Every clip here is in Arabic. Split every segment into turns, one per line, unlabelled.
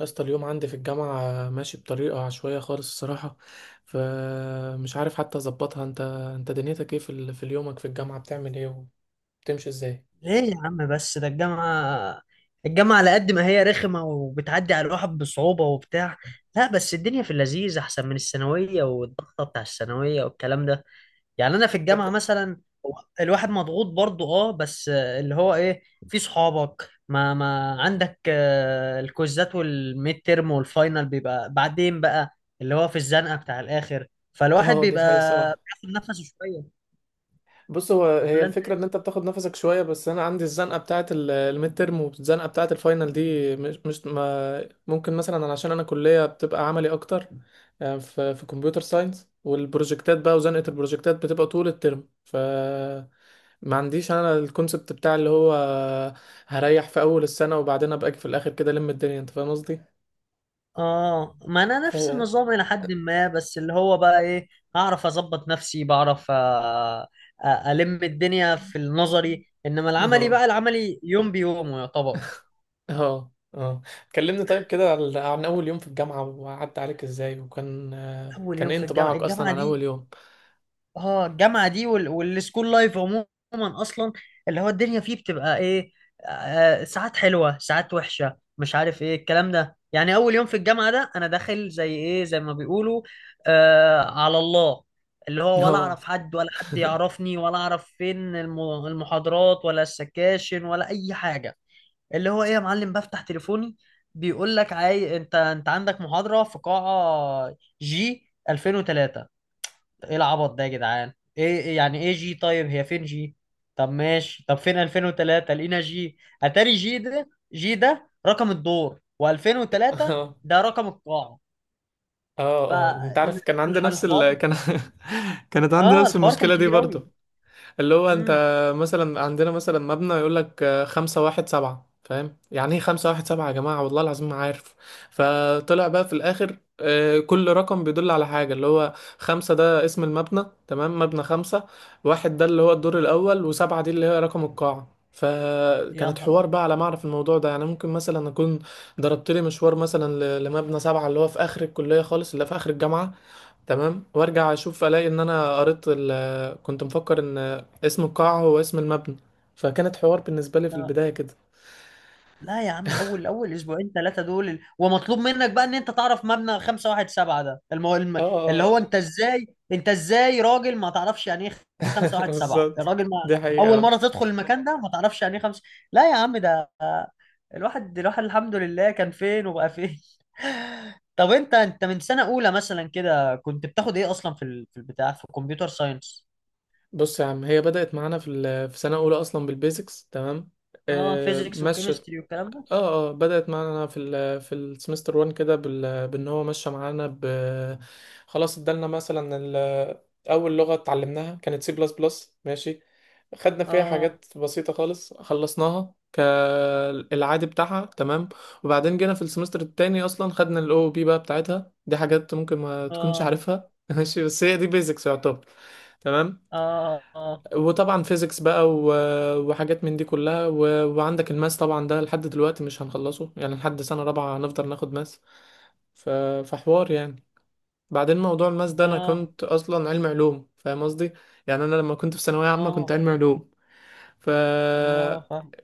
يا اسطى، اليوم عندي في الجامعة ماشي بطريقة عشوائية خالص الصراحة، فمش عارف حتى أظبطها. أنت دنيتك إيه في يومك في الجامعة، بتعمل إيه وبتمشي إزاي؟
ليه يا عم؟ بس ده الجامعة. الجامعة على قد ما هي رخمة وبتعدي على الواحد بصعوبة وبتاع. لا، بس الدنيا في اللذيذ أحسن من الثانوية والضغطة بتاع الثانوية والكلام ده. يعني أنا في الجامعة
أد...
مثلا هو الواحد مضغوط برضه بس اللي هو إيه، في صحابك ما عندك، الكوزات والميد تيرم والفاينل بيبقى بعدين بقى، اللي هو في الزنقة بتاع الآخر، فالواحد
أه، دي
بيبقى
حقيقة الصراحة.
بياخد نفسه شوية.
بص، هي
ولا.
الفكرة ان انت بتاخد نفسك شوية، بس انا عندي الزنقة بتاعة الميد ترم والزنقة بتاعة الفاينل دي مش مش ما ممكن. مثلا أنا عشان انا كلية بتبقى عملي اكتر، في كمبيوتر ساينس، والبروجكتات بقى وزنقة البروجكتات بتبقى طول الترم، ف ما عنديش انا الكونسبت بتاع اللي هو هريح في اول السنة وبعدين ابقى اجي في الاخر كده الم الدنيا، انت فاهم قصدي؟
اه، ما انا
ف
نفس النظام الى حد ما، بس اللي هو بقى ايه، اعرف اظبط نفسي، بعرف. الم الدنيا في النظري، انما العملي
اه،
بقى، العملي يوم بيوم يعتبر.
اه، اه. كلمني طيب كده عن اول يوم في الجامعة وعدى عليك ازاي، وكان آه،
اول
كان
يوم
ايه
في الجامعه
انطباعك اصلا
الجامعه
عن اول
دي.
يوم؟
اه، الجامعه دي والسكول لايف عموما، اصلا اللي هو الدنيا فيه بتبقى ايه. ساعات حلوه ساعات وحشه، مش عارف ايه الكلام ده. يعني اول يوم في الجامعه ده، انا داخل زي ايه، زي ما بيقولوا آه على الله، اللي هو ولا
اه.
اعرف حد ولا حد يعرفني ولا اعرف فين المحاضرات ولا السكاشن ولا اي حاجه. اللي هو ايه يا معلم، بفتح تليفوني بيقول لك انت عندك محاضره في قاعه جي 2003. ايه العبط ده يا جدعان؟ ايه يعني ايه جي؟ طيب هي فين جي؟ طب ماشي، طب فين 2003؟ لقينا جي، اتاري جي ده، جي ده رقم الدور و2003
اه،
ده رقم القاعة.
اه، اه، انت عارف كان عندي نفس ال...
فالحوار
كان كانت عندي
اه،
نفس
الحوار كان
المشكلة دي
كبير قوي.
برضو، اللي هو انت،
امم
مثلا عندنا مثلا مبنى يقول لك خمسة واحد سبعة، فاهم يعني ايه خمسة واحد سبعة؟ يا جماعة والله العظيم ما عارف. فطلع بقى في الآخر كل رقم بيدل على حاجة، اللي هو خمسة ده اسم المبنى، تمام، مبنى خمسة، واحد ده اللي هو الدور الأول، وسبعة دي اللي هي رقم القاعة.
يا
فكانت
نهار
حوار
أبيض.
بقى على ما اعرف الموضوع ده، يعني ممكن مثلا اكون ضربت لي مشوار مثلا لمبنى سبعة اللي هو في اخر الكلية خالص، اللي في اخر الجامعة، تمام، وارجع اشوف الاقي ان انا قريت كنت مفكر ان اسم القاعة هو اسم المبنى. فكانت حوار بالنسبة لي في البداية كده.
لا يا عم، اول اسبوعين ثلاثه دول، ومطلوب منك بقى ان انت تعرف مبنى 517 ده،
اه،
اللي هو
آه،
انت ازاي. انت ازاي راجل ما تعرفش يعني ايه
آه،
517؟
بالظبط.
الراجل ما
دي حقيقة
اول
آه.
مره تدخل المكان ده ما تعرفش يعني ايه خمس. لا يا عم، ده الواحد الواحد الحمد لله كان فين وبقى فين. طب انت من سنه اولى مثلا كده كنت بتاخد ايه اصلا في البتاع، في الكمبيوتر ساينس؟
بص يا عم، هي بدأت معانا في في سنة أولى أصلا بالبيزكس، تمام،
اه، فيزيكس
مشت.
وكيمستري والكلام ده.
اه اه، بدأت معانا في في السمستر 1 كده بان هو ماشيه معانا خلاص. ادالنا مثلا اول لغه اتعلمناها كانت سي بلس بلس، ماشي، خدنا فيها
اه،
حاجات بسيطه خالص خلصناها كالعادي بتاعها، تمام. وبعدين جينا في السمستر التاني اصلا خدنا الاو بي بقى بتاعتها، دي حاجات ممكن ما تكونش
اه،
عارفها. ماشي، بس هي دي بيزكس يعتبر، تمام.
اه، اه،
وطبعا فيزيكس بقى وحاجات من دي كلها، وعندك الماس طبعا، ده لحد دلوقتي مش هنخلصه، يعني لحد سنة رابعة هنفضل ناخد ماس. ف- فحوار يعني. بعدين موضوع الماس ده، انا
اه،
كنت اصلا علم علوم، فاهم قصدي؟ يعني انا لما كنت في ثانوية عامة كنت
اه،
علم علوم. ف
اه، فاهم.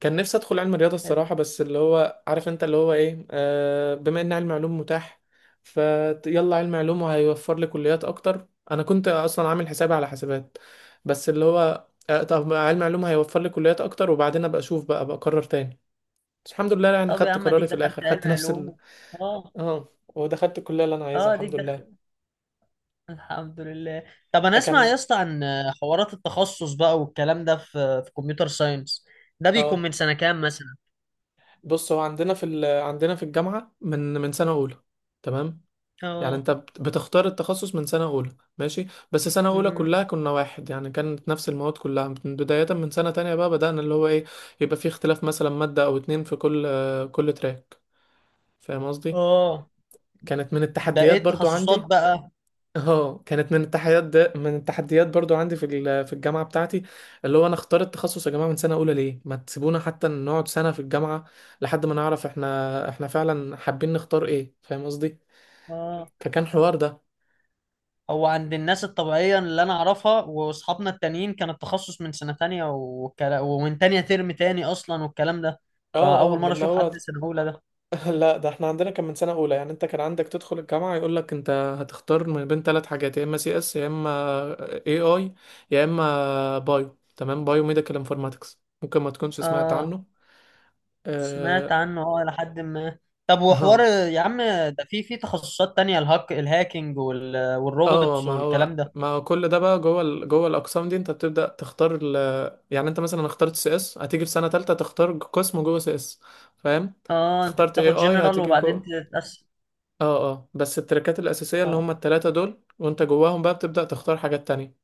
كان نفسي ادخل علم الرياضه
حلو.
الصراحه، بس اللي هو، عارف انت، اللي هو ايه، آه، بما ان علم علوم متاح، فيلا علم علوم وهيوفر لي كليات اكتر. انا كنت اصلا عامل حسابي على حسابات، بس اللي هو آه، طب ما علم علوم هيوفر لي كليات اكتر، وبعدين ابقى اشوف بقى ابقى اقرر تاني. بس الحمد لله يعني
طب يا
خدت
عم، اديك
قراري في
دخلت
الاخر، خدت
علم علوم. اه،
اه، ودخلت الكليه اللي انا عايزها،
اه، اديك
الحمد
دخل،
لله.
الحمد لله. طب
آه،
انا اسمع
كان
يا اسطى عن حوارات التخصص بقى والكلام ده، في كمبيوتر ساينس، ده بيكون
اه،
من سنة كام مثلا؟
بص هو عندنا في عندنا في الجامعه من سنه اولى، تمام. يعني
اه،
انت بتختار التخصص من سنة أولى ماشي، بس سنة أولى
امم،
كلها كنا واحد، يعني كانت نفس المواد كلها، بداية من سنة تانية بقى بدأنا اللي هو ايه يبقى في اختلاف، مثلا مادة أو اتنين في كل كل تراك، فاهم قصدي.
اه،
كانت من
ده ايه
التحديات برضو
التخصصات
عندي.
بقى؟
اه، كانت من التحديات، ده من التحديات برضو عندي في في الجامعة بتاعتي، اللي هو انا اختار التخصص يا جماعة من سنة أولى، ليه ما تسيبونا حتى نقعد سنة في الجامعة لحد ما نعرف احنا فعلا حابين نختار ايه، فاهم قصدي؟
اه،
فكان حوار ده.
هو عند الناس الطبيعية اللي انا اعرفها واصحابنا التانيين كان التخصص من سنة تانية، ومن تانية ترم تاني اصلا والكلام ده،
اه اه،
فاول
من
مرة
اللي
اشوف
هو
حد سنة اولى ده.
لا، ده احنا عندنا كان من سنة أولى، يعني أنت كان عندك تدخل الجامعة يقول لك أنت هتختار من بين ثلاث حاجات، يا إما سي إس يا إما اي آي يا إما بايو، تمام، بايو ميديكال انفورماتكس، ممكن ما تكونش سمعت
اه،
عنه.
سمعت
اه.
عنه، اه، لحد ما. طب وحوار
اه،
يا عم، ده في تخصصات تانية، الهاكينج والروبوتس
ما هو
والكلام ده؟
ما هو كل ده بقى جوه جوه الأقسام دي، أنت بتبدأ تختار يعني أنت مثلا اخترت سي إس، هتيجي في سنة تالتة تختار قسم جوه سي إس، فاهم،
اه، انت
اخترت اي
بتاخد
آي
جنرال
هتيجي
وبعدين
جوه.
تتقسم.
اه اه، بس التراكات الأساسية اللي
اه،
هما التلاتة دول، وانت جواهم بقى بتبدأ تختار حاجات تانية.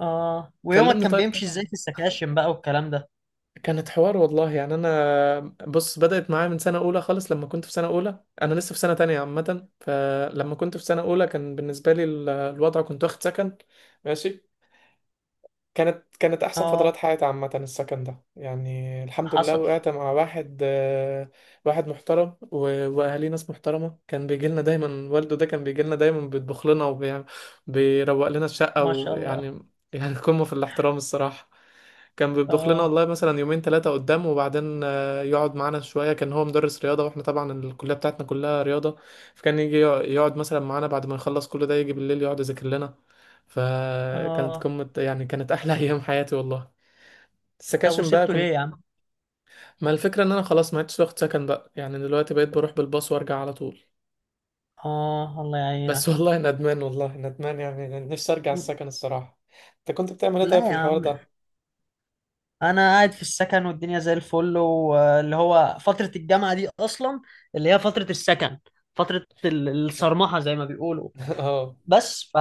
اه، ويومك
كلمني
كان
طيب
بيمشي
كده
ازاي
عن.
في السكاشن بقى والكلام ده؟
كانت حوار والله يعني انا، بص، بدأت معايا من سنة أولى خالص، لما كنت في سنة أولى انا لسه في سنة تانية عامة، فلما كنت في سنة أولى كان بالنسبة لي الوضع كنت واخد سكن، ماشي. كانت احسن
اه،
فترات حياتي عامه، السكن ده يعني الحمد لله،
حصل.
وقعت مع واحد، واحد محترم واهاليه ناس محترمه، كان بيجي لنا دايما والده، ده كان بيجي لنا دايما بيطبخ لنا وبيروق لنا الشقه
ما شاء الله.
ويعني، يعني قمه في الاحترام الصراحه. كان بيطبخ لنا
اه،
والله مثلا يومين ثلاثه قدام، وبعدين يقعد معانا شويه، كان هو مدرس رياضه واحنا طبعا الكليه بتاعتنا كلها رياضه، فكان يجي يقعد مثلا معانا بعد ما يخلص كل ده، يجي بالليل يقعد يذاكر لنا. فكانت
اه.
قمة، يعني كانت أحلى أيام حياتي والله.
طب
السكاشن بقى
وسبته
كنت،
ليه يا عم؟
ما الفكرة إن أنا خلاص ما عدتش واخد سكن بقى، يعني دلوقتي بقيت بروح بالباص وأرجع على طول،
اه، الله
بس.
يعينك.
والله ندمان، والله ندمان، يعني نفسي أرجع السكن الصراحة. أنت كنت بتعمل إيه طيب
لا
في
يا
الحوار
عم،
ده؟
انا قاعد في السكن والدنيا زي الفل، واللي هو فترة الجامعة دي اصلا، اللي هي فترة السكن، فترة الصرمحة زي ما بيقولوا.
اه،
بس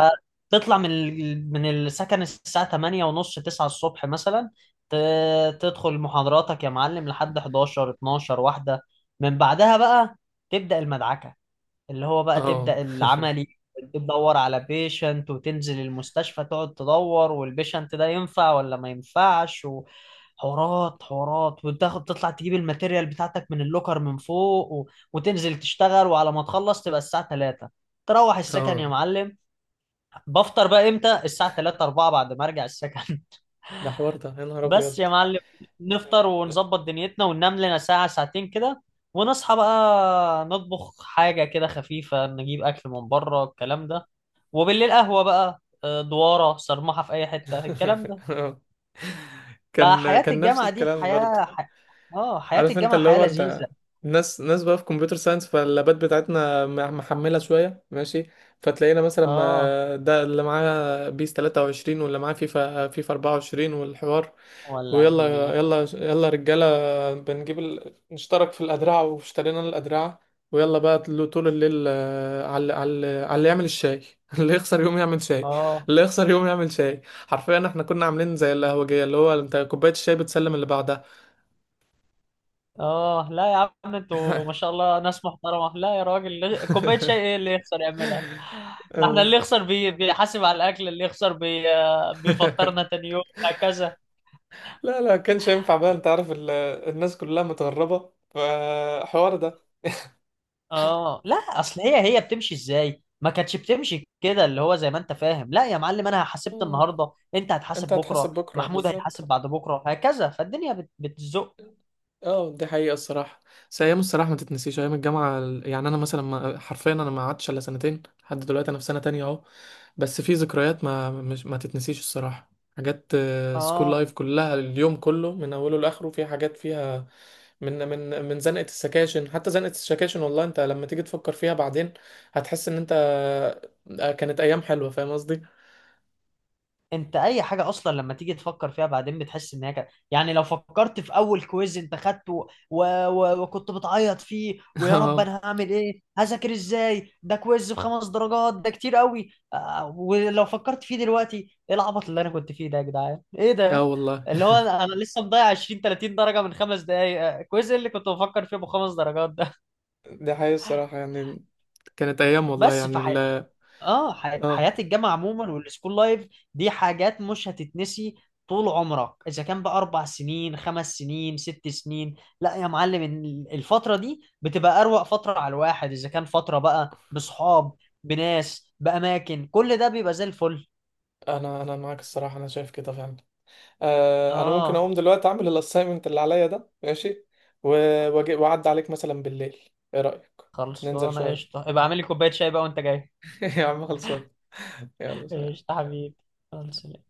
فتطلع من من السكن الساعة 8 ونص 9 الصبح مثلا، تدخل محاضراتك يا معلم لحد 11 12 واحدة. من بعدها بقى تبدأ المدعكة، اللي هو بقى
اه،
تبدأ العملي، تدور على بيشنت وتنزل المستشفى تقعد تدور، والبيشنت ده ينفع ولا ما ينفعش، وحوارات حوارات، وتاخد تطلع تجيب الماتيريال بتاعتك من اللوكر من فوق وتنزل تشتغل، وعلى ما تخلص تبقى الساعة 3، تروح السكن يا
اه،
معلم. بفطر بقى امتى؟ الساعة 3، 4 بعد ما ارجع السكن.
ده حوار ده يا نهار
بس
أبيض.
يا معلم، نفطر ونظبط دنيتنا وننام لنا ساعة ساعتين كده، ونصحى بقى نطبخ حاجة كده خفيفة، نجيب أكل من بره الكلام ده، وبالليل قهوة بقى، دوارة صرمحة في أي حتة الكلام ده.
آه. كان
فحياة
كان نفس
الجامعة دي
الكلام برضه.
حياة اه، حياة
عارف انت
الجامعة
اللي
حياة
هو
لذيذة.
انت، ناس بقى في كمبيوتر ساينس، فاللابات بتاعتنا محملة شوية ماشي، فتلاقينا مثلا،
اه،
ده اللي معاه بيس 23 واللي معاه فيفا 24 والحوار،
ولع
ويلا
الدنيا.
يلا يلا رجالة، بنجيب نشترك في الأدرعة، واشترينا الأدرعة، ويلا بقى طول الليل، على اللي يعمل الشاي. اللي يخسر يوم يعمل شاي،
اه،
اللي يخسر يوم يعمل شاي. حرفيا احنا كنا عاملين زي القهوجية، اللي هو انت كوباية الشاي بتسلم اللي بعدها.
اه. لا يا عم، انتوا ما شاء الله ناس محترمة. لا يا راجل، كوباية شاي ايه اللي يخسر يعملها؟ ده احنا
اه.
اللي يخسر بيحاسب على الاكل، اللي يخسر بيفطرنا تاني يوم هكذا.
لا لا، كانش ينفع بقى، انت عارف الناس كلها متغربة، فحوار ده.
اه، لا، اصل هي بتمشي ازاي، ما كانتش بتمشي كده اللي هو زي ما انت فاهم، لا يا معلم، انا حاسبت
مم.
النهارده، انت
انت
هتحاسب
هتحاسب
بكره،
بكرة،
محمود
بالظبط،
هيحاسب بعد بكره هكذا، فالدنيا بتزق.
اه دي حقيقة الصراحة. بس أيام، الصراحة ما تتنسيش أيام الجامعة يعني. أنا مثلا، ما حرفيا أنا ما قعدتش إلا سنتين لحد دلوقتي، أنا في سنة تانية أهو، بس في ذكريات ما تتنسيش الصراحة، حاجات سكول
اه،
لايف كلها، اليوم كله من أوله لآخره في حاجات فيها، من زنقة السكاشن حتى زنقة السكاشن، والله أنت لما تيجي تفكر فيها بعدين هتحس إن أنت، كانت أيام حلوة، فاهم قصدي؟
انت اي حاجه اصلا لما تيجي تفكر فيها بعدين بتحس ان هي كده، يعني لو فكرت في اول كويز انت خدته وكنت بتعيط فيه، ويا رب
اه،
انا هعمل ايه، هذاكر ازاي، ده كويز بخمس درجات ده كتير قوي، ولو فكرت فيه دلوقتي، ايه العبط اللي انا كنت فيه ده يا جدعان، ايه
اه
ده؟
والله.
اللي هو انا لسه مضيع 20 30 درجه من خمس دقايق، كويز إيه اللي كنت بفكر فيه بخمس درجات ده؟
دي حقيقة الصراحة يعني، كانت أيام والله
بس
يعني.
اه،
لا،
حياة الجامعة عموما والسكول لايف دي حاجات مش هتتنسي طول عمرك، اذا كان بقى اربع سنين خمس سنين ست سنين. لا يا معلم، الفترة دي بتبقى اروق فترة على الواحد، اذا كان فترة بقى بصحاب بناس باماكن، كل ده بيبقى زي الفل.
انا معاك الصراحه، انا شايف كده فعلا، آه. انا ممكن
اه،
اقوم دلوقتي اعمل الاساينمنت اللي عليا ده ماشي، واجي واعدي عليك مثلا بالليل، ايه رايك؟ ننزل
خلصانة
شويه.
قشطة، ابقى اعمل لي كوباية شاي بقى وانت جاي.
يا عم خلصان. يلا سلام.
قشطة حبيبي، خلص.